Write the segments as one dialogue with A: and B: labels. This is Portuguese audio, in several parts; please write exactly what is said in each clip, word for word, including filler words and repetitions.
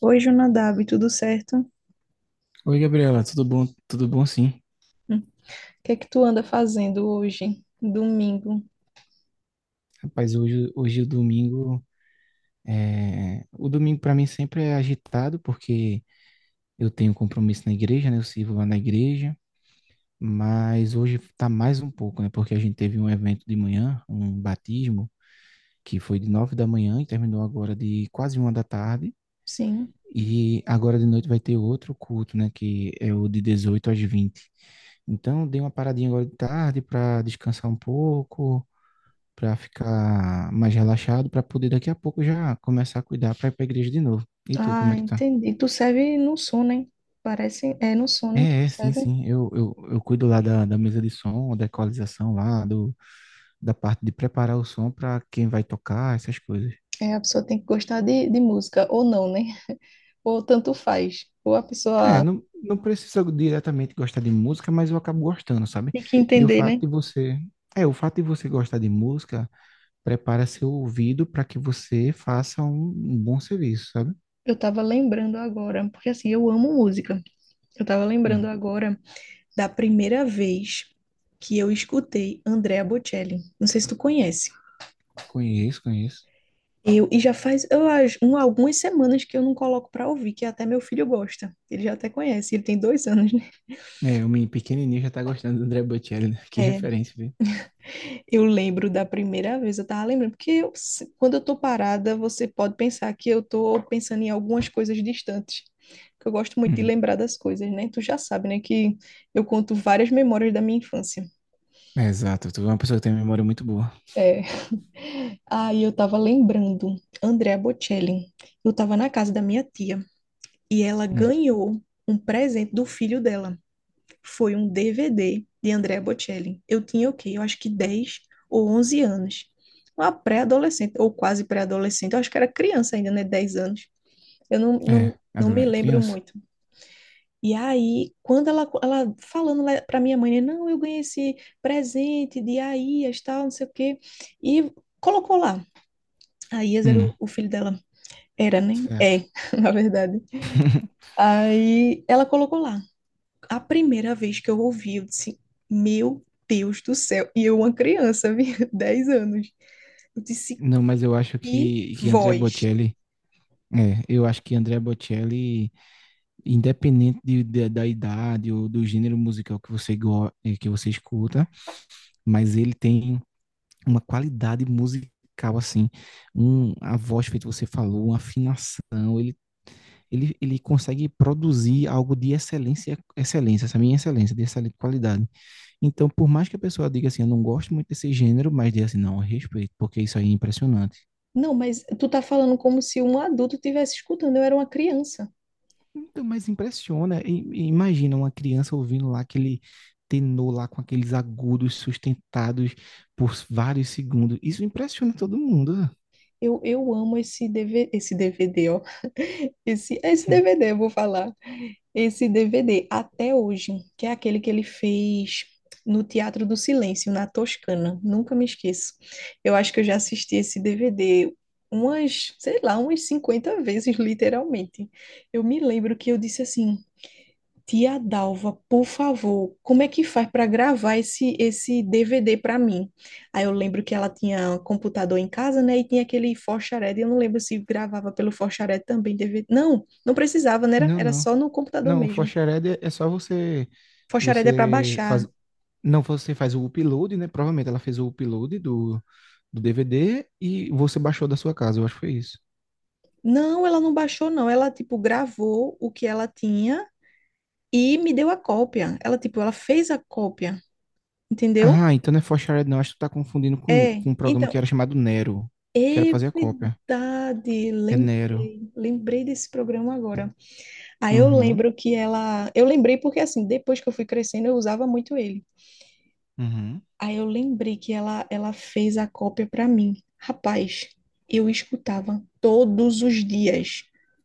A: Oi, Jonadab, tudo certo?
B: Oi, Gabriela, tudo bom? Tudo bom, sim.
A: Hum, O que é que tu anda fazendo hoje, domingo?
B: Rapaz, hoje, hoje é o domingo é... O domingo para mim sempre é agitado, porque eu tenho compromisso na igreja, né? Eu sirvo lá na igreja, mas hoje tá mais um pouco, né? Porque a gente teve um evento de manhã, um batismo, que foi de nove da manhã e terminou agora de quase uma da tarde.
A: Sim.
B: E agora de noite vai ter outro culto, né? Que é o de dezoito às vinte. Então, dei uma paradinha agora de tarde para descansar um pouco para ficar mais relaxado, para poder daqui a pouco já começar a cuidar para ir para a igreja de novo. E tu, como
A: Ah,
B: é que tá?
A: entendi. Tu serve no sono, hein? Parece, é no sono, hein, que
B: É,
A: tu
B: é, sim,
A: serve.
B: sim. Eu, eu, eu cuido lá da, da mesa de som, da equalização lá, do, da parte de preparar o som para quem vai tocar, essas coisas.
A: É, a pessoa tem que gostar de, de música, ou não, né? Ou tanto faz. Ou a
B: É,
A: pessoa
B: não, não precisa diretamente gostar de música, mas eu acabo gostando, sabe?
A: tem que
B: E o
A: entender,
B: fato
A: né?
B: de você. É, o fato de você gostar de música prepara seu ouvido para que você faça um, um bom serviço, sabe?
A: Eu tava lembrando agora, porque assim, eu amo música. Eu tava lembrando
B: Hum,
A: agora da primeira vez que eu escutei Andrea Bocelli. Não sei se tu conhece.
B: conheço, conheço.
A: Eu, e já faz, eu acho, um, algumas semanas que eu não coloco pra ouvir, que até meu filho gosta. Ele já até conhece, ele tem dois anos, né?
B: É, o menino pequenininho já tá gostando do André Bocelli, né? Que
A: É,
B: referência, viu?
A: eu lembro da primeira vez, eu tava lembrando, porque eu se- quando eu tô parada, você pode pensar que eu tô pensando em algumas coisas distantes, que eu gosto muito de
B: Hum.
A: lembrar das coisas, né? Tu já sabe, né, que eu conto várias memórias da minha infância.
B: É, exato. Tu é uma pessoa que tem uma memória muito boa.
A: É. Aí eu tava lembrando, Andrea Bocelli, eu tava na casa da minha tia, e ela
B: Hum.
A: ganhou um presente do filho dela. Foi um D V D de Andrea Bocelli. Eu tinha o quê? Eu acho que dez ou onze anos. Uma pré-adolescente, ou quase pré-adolescente. Eu acho que era criança ainda, né? Dez anos. Eu não,
B: É,
A: não, não me
B: adolescente,
A: lembro
B: criança.
A: muito. E aí, quando ela, ela falando para minha mãe, né, não, eu ganhei esse presente de Aias, tal, não sei o quê. E colocou lá. Aias era
B: Hum,
A: o, o filho dela. Era, né?
B: certo.
A: É, na verdade. Aí ela colocou lá. A primeira vez que eu ouvi, eu disse, meu Deus do céu. E eu, uma criança, vi, dez anos. Eu disse,
B: Não, mas eu acho
A: que
B: que, que André
A: voz.
B: Bocelli... É, eu acho que André Bocelli, independente de- de- da idade ou do gênero musical que você, go, eh, que você escuta, mas ele tem uma qualidade musical, assim, um, a voz feito você falou, uma afinação, ele ele, ele consegue produzir algo de excelência, excelência, essa minha excelência, de excelente qualidade. Então, por mais que a pessoa diga assim, eu não gosto muito desse gênero, mas diga assim, não, eu respeito, porque isso aí é impressionante.
A: Não, mas tu tá falando como se um adulto estivesse escutando. Eu era uma criança.
B: Então, mas impressiona, e- e imagina uma criança ouvindo lá aquele tenor lá com aqueles agudos sustentados por vários segundos. Isso impressiona todo mundo. né?
A: Eu, eu amo esse D V D, esse D V D, ó. Esse, esse
B: Hum.
A: D V D, eu vou falar. Esse D V D até hoje, que é aquele que ele fez no Teatro do Silêncio, na Toscana. Nunca me esqueço. Eu acho que eu já assisti esse D V D umas, sei lá, umas cinquenta vezes, literalmente. Eu me lembro que eu disse assim: Tia Dalva, por favor, como é que faz para gravar esse, esse D V D para mim? Aí eu lembro que ela tinha um computador em casa, né? E tinha aquele Forxaré, eu não lembro se gravava pelo Forxaré também D V D. Não, não precisava, né? Era,
B: Não,
A: era
B: não.
A: só no computador
B: Não, o
A: mesmo.
B: Foxered é é só você
A: Foxhared é para
B: você
A: baixar.
B: faz não, você faz o upload, né? Provavelmente ela fez o upload do do D V D e você baixou da sua casa, eu acho que foi isso.
A: Não, ela não baixou, não. Ela, tipo, gravou o que ela tinha e me deu a cópia. Ela, tipo, ela fez a cópia, entendeu?
B: Ah, então não é For Shared não, acho que tu tá confundindo com,
A: É,
B: com um programa que
A: então,
B: era chamado Nero, que era pra
A: é
B: fazer a cópia.
A: verdade.
B: É Nero.
A: Lembrei, lembrei desse programa agora. Aí eu
B: Uhum,
A: lembro que ela. Eu lembrei porque, assim, depois que eu fui crescendo, eu usava muito ele.
B: uhum,
A: Aí eu lembrei que ela, ela fez a cópia para mim. Rapaz, eu escutava todos os dias.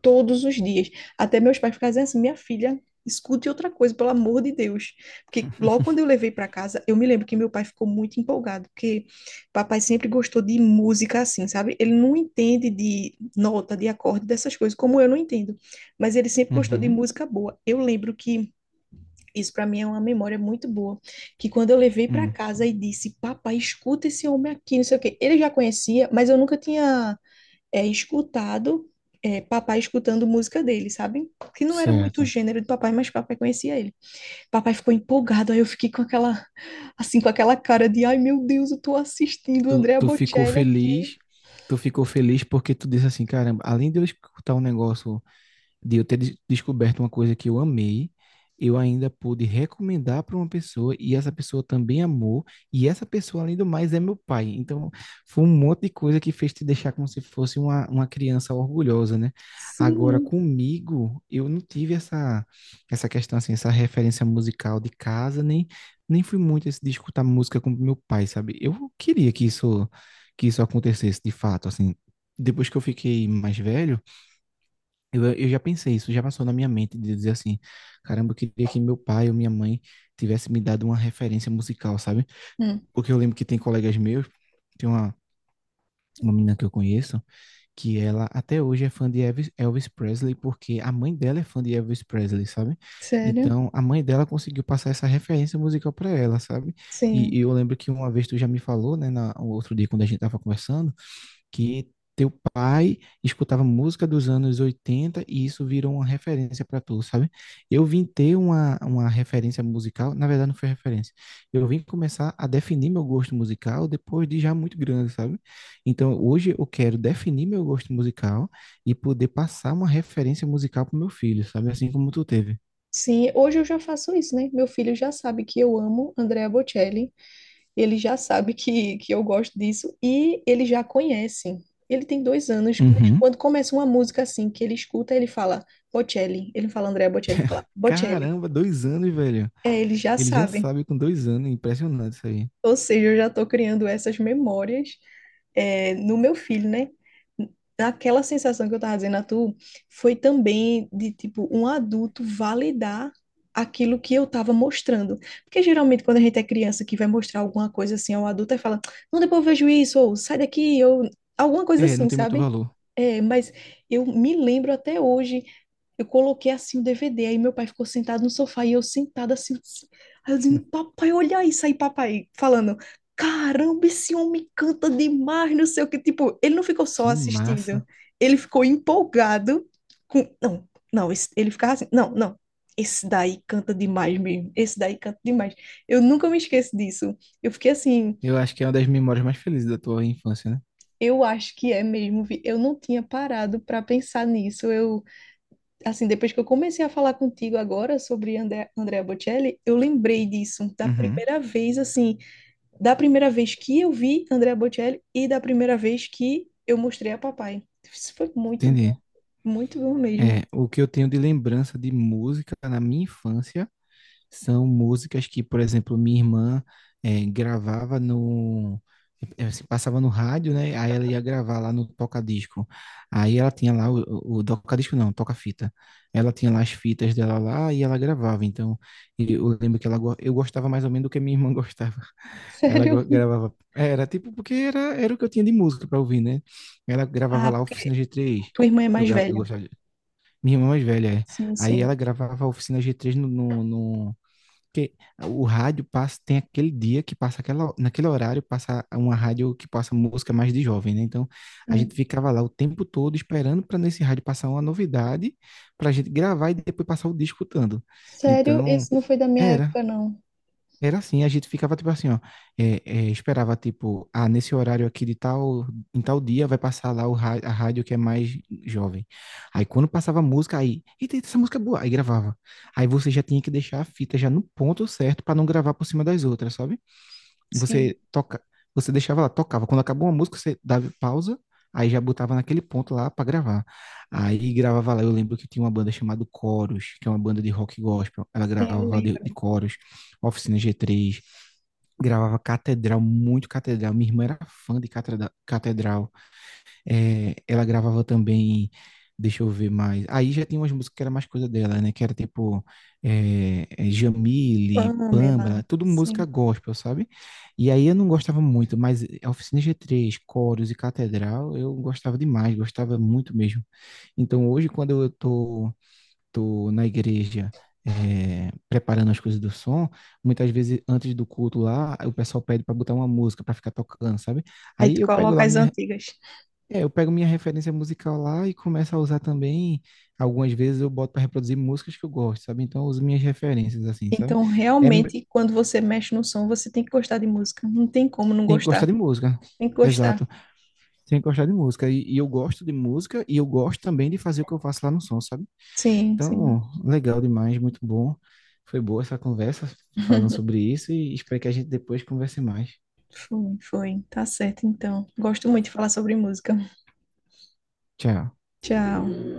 A: Todos os dias. Até meus pais ficavam dizendo assim: minha filha, escute outra coisa, pelo amor de Deus. Porque logo quando eu levei para casa, eu me lembro que meu pai ficou muito empolgado, porque papai sempre gostou de música assim, sabe? Ele não entende de nota, de acorde, dessas coisas, como eu não entendo. Mas ele sempre gostou de
B: uhum,
A: música boa. Eu lembro que isso para mim é uma memória muito boa, que quando eu levei para
B: hum.
A: casa e disse, papai, escuta esse homem aqui, não sei o quê. Ele já conhecia, mas eu nunca tinha é, escutado é, papai escutando música dele, sabe? Que não era muito o
B: Certo.
A: gênero de papai, mas papai conhecia ele. Papai ficou empolgado, aí eu fiquei com aquela, assim, com aquela cara de, ai meu Deus, eu tô assistindo
B: Tu,
A: Andrea
B: tu ficou
A: Bocelli aqui.
B: feliz, tu ficou feliz porque tu disse assim, caramba, além de eu escutar um negócio de eu ter des- descoberto uma coisa que eu amei, eu ainda pude recomendar para uma pessoa e essa pessoa também amou, e essa pessoa, além do mais, é meu pai. Então, foi um monte de coisa que fez te deixar como se fosse uma, uma criança orgulhosa, né? Agora,
A: Sim.
B: comigo, eu não tive essa, essa questão, assim, essa referência musical de casa, nem, nem fui muito esse de escutar música com meu pai, sabe? Eu queria que isso, que isso acontecesse de fato, assim. Depois que eu fiquei mais velho, eu, eu já pensei isso, já passou na minha mente de dizer assim, caramba, eu queria que meu pai ou minha mãe tivesse me dado uma referência musical, sabe?
A: Hum,
B: Porque eu lembro que tem colegas meus, tem uma, uma menina que eu conheço, que ela até hoje é fã de Elvis, Elvis Presley, porque a mãe dela é fã de Elvis Presley, sabe?
A: Sério?
B: Então, a mãe dela conseguiu passar essa referência musical para ela, sabe? E, e
A: Sim.
B: eu lembro que uma vez tu já me falou, né, na, outro dia quando a gente tava conversando, que teu pai escutava música dos anos oitenta e isso virou uma referência para tu, sabe? Eu vim ter uma, uma referência musical, na verdade não foi referência. Eu vim começar a definir meu gosto musical depois de já muito grande, sabe? Então hoje eu quero definir meu gosto musical e poder passar uma referência musical pro meu filho, sabe? Assim como tu teve.
A: Sim, hoje eu já faço isso, né? Meu filho já sabe que eu amo Andrea Bocelli. Ele já sabe que, que eu gosto disso e ele já conhece. Ele tem dois anos, mas
B: Uhum.
A: quando começa uma música assim que ele escuta, ele fala Bocelli. Ele fala Andrea Bocelli, ele fala Bocelli.
B: Caramba, dois anos, velho.
A: É, ele já
B: Ele já
A: sabe.
B: sabe com dois anos, impressionante isso aí.
A: Ou seja, eu já estou criando essas memórias é, no meu filho, né? Aquela sensação que eu estava dizendo a tu foi também de, tipo, um adulto validar aquilo que eu estava mostrando. Porque geralmente quando a gente é criança que vai mostrar alguma coisa assim ao adulto, aí fala, não, depois eu vejo isso, ou sai daqui, ou alguma coisa
B: É, não
A: assim,
B: tem muito
A: sabe?
B: valor.
A: É, mas eu me lembro até hoje eu coloquei assim o D V D, aí meu pai ficou sentado no sofá e eu sentada assim. Aí eu dizendo, papai, olha isso aí, papai, falando, caramba, esse homem canta demais, não sei o que. Tipo, ele não ficou só
B: Que
A: assistindo,
B: massa.
A: ele ficou empolgado com. Não, não, esse- ele ficava assim, não, não. Esse daí canta demais mesmo, esse daí canta demais. Eu nunca me esqueço disso. Eu fiquei assim,
B: Eu acho que é uma das memórias mais felizes da tua infância, né?
A: eu acho que é mesmo, vi- eu não tinha parado para pensar nisso. Eu assim, depois que eu comecei a falar contigo agora sobre André, Andrea Bocelli, eu lembrei disso da
B: Uhum.
A: primeira vez, assim, da primeira vez que eu vi Andrea Bocelli e da primeira vez que eu mostrei a papai. Isso foi muito bom,
B: Entendi.
A: muito bom mesmo.
B: É, o que eu tenho de lembrança de música na minha infância são músicas que, por exemplo, minha irmã é, gravava no. é, se Passava no rádio, né? Aí ela ia gravar lá no toca-disco. Aí ela tinha lá o, o o toca-disco, não, toca-fita. Ela tinha lá as fitas dela lá e ela gravava. Então, eu eu lembro que ela, go- eu gostava mais ou menos do que minha irmã gostava. Ela gra-
A: Sério.
B: gravava, era tipo, porque era, era o que eu tinha de música para ouvir, né? Ela gravava
A: Ah,
B: lá Oficina
A: porque
B: G três.
A: tua irmã é
B: Eu,
A: mais
B: gra- eu
A: velha.
B: gostava, de- minha irmã mais velha, é.
A: Sim,
B: Aí ela
A: sim.
B: gravava Oficina G três no, no, no- porque o rádio passa, tem aquele dia que passa aquela, naquele horário passa uma rádio que passa música mais de jovem, né? Então a gente
A: Sim.
B: ficava lá o tempo todo esperando para nesse rádio passar uma novidade para gente gravar e depois passar o dia escutando.
A: Sério,
B: Então,
A: esse não foi da minha
B: era,
A: época, não.
B: era assim, a gente ficava tipo assim, ó, é, é, esperava tipo, ah, nesse horário aqui de tal, em tal dia vai passar lá o ra- a rádio que é mais jovem. Aí quando passava a música, aí, eita, eita, essa música é boa, aí gravava. Aí você já tinha que deixar a fita já no ponto certo para não gravar por cima das outras, sabe?
A: Sim,
B: Você toca, você deixava lá, tocava. Quando acabou uma música, você dava pausa, aí já botava naquele ponto lá para gravar. Aí gravava lá, eu lembro que tinha uma banda chamada Coros, que é uma banda de rock gospel, ela
A: sim, eu
B: gravava de
A: lembro.
B: de coros. Oficina G três, gravava Catedral, muito Catedral. Minha irmã era fã de Catreda- Catedral. É, ela gravava também, deixa eu ver mais. Aí já tinha umas músicas que era mais coisa dela, né? Que era tipo é, é, Jamile, Pâmela,
A: Pamela,
B: tudo música
A: sim.
B: gospel, sabe? E aí eu não gostava muito, mas a Oficina G três, Coros e Catedral, eu gostava demais, gostava muito mesmo. Então hoje, quando eu tô tô na igreja é, preparando as coisas do som, muitas vezes antes do culto lá, o pessoal pede para botar uma música para ficar tocando, sabe?
A: Aí
B: Aí
A: tu
B: eu pego
A: coloca
B: lá
A: as
B: minha,
A: antigas.
B: é, eu pego minha referência musical lá e começo a usar também. Algumas vezes eu boto para reproduzir músicas que eu gosto, sabe? Então eu uso minhas referências assim, sabe?
A: Então,
B: É,
A: realmente, quando você mexe no som, você tem que gostar de música. Não tem como não
B: tem que gostar
A: gostar.
B: de música.
A: Tem que gostar.
B: Exato. Tem que gostar de música. E, e eu gosto de música e eu gosto também de fazer o que eu faço lá no som, sabe?
A: Sim,
B: Então,
A: sim.
B: legal demais, muito bom. Foi boa essa conversa falando sobre isso e espero que a gente depois converse mais.
A: Foi, foi. Tá certo, então. Gosto muito de falar sobre música.
B: Tchau.
A: Tchau.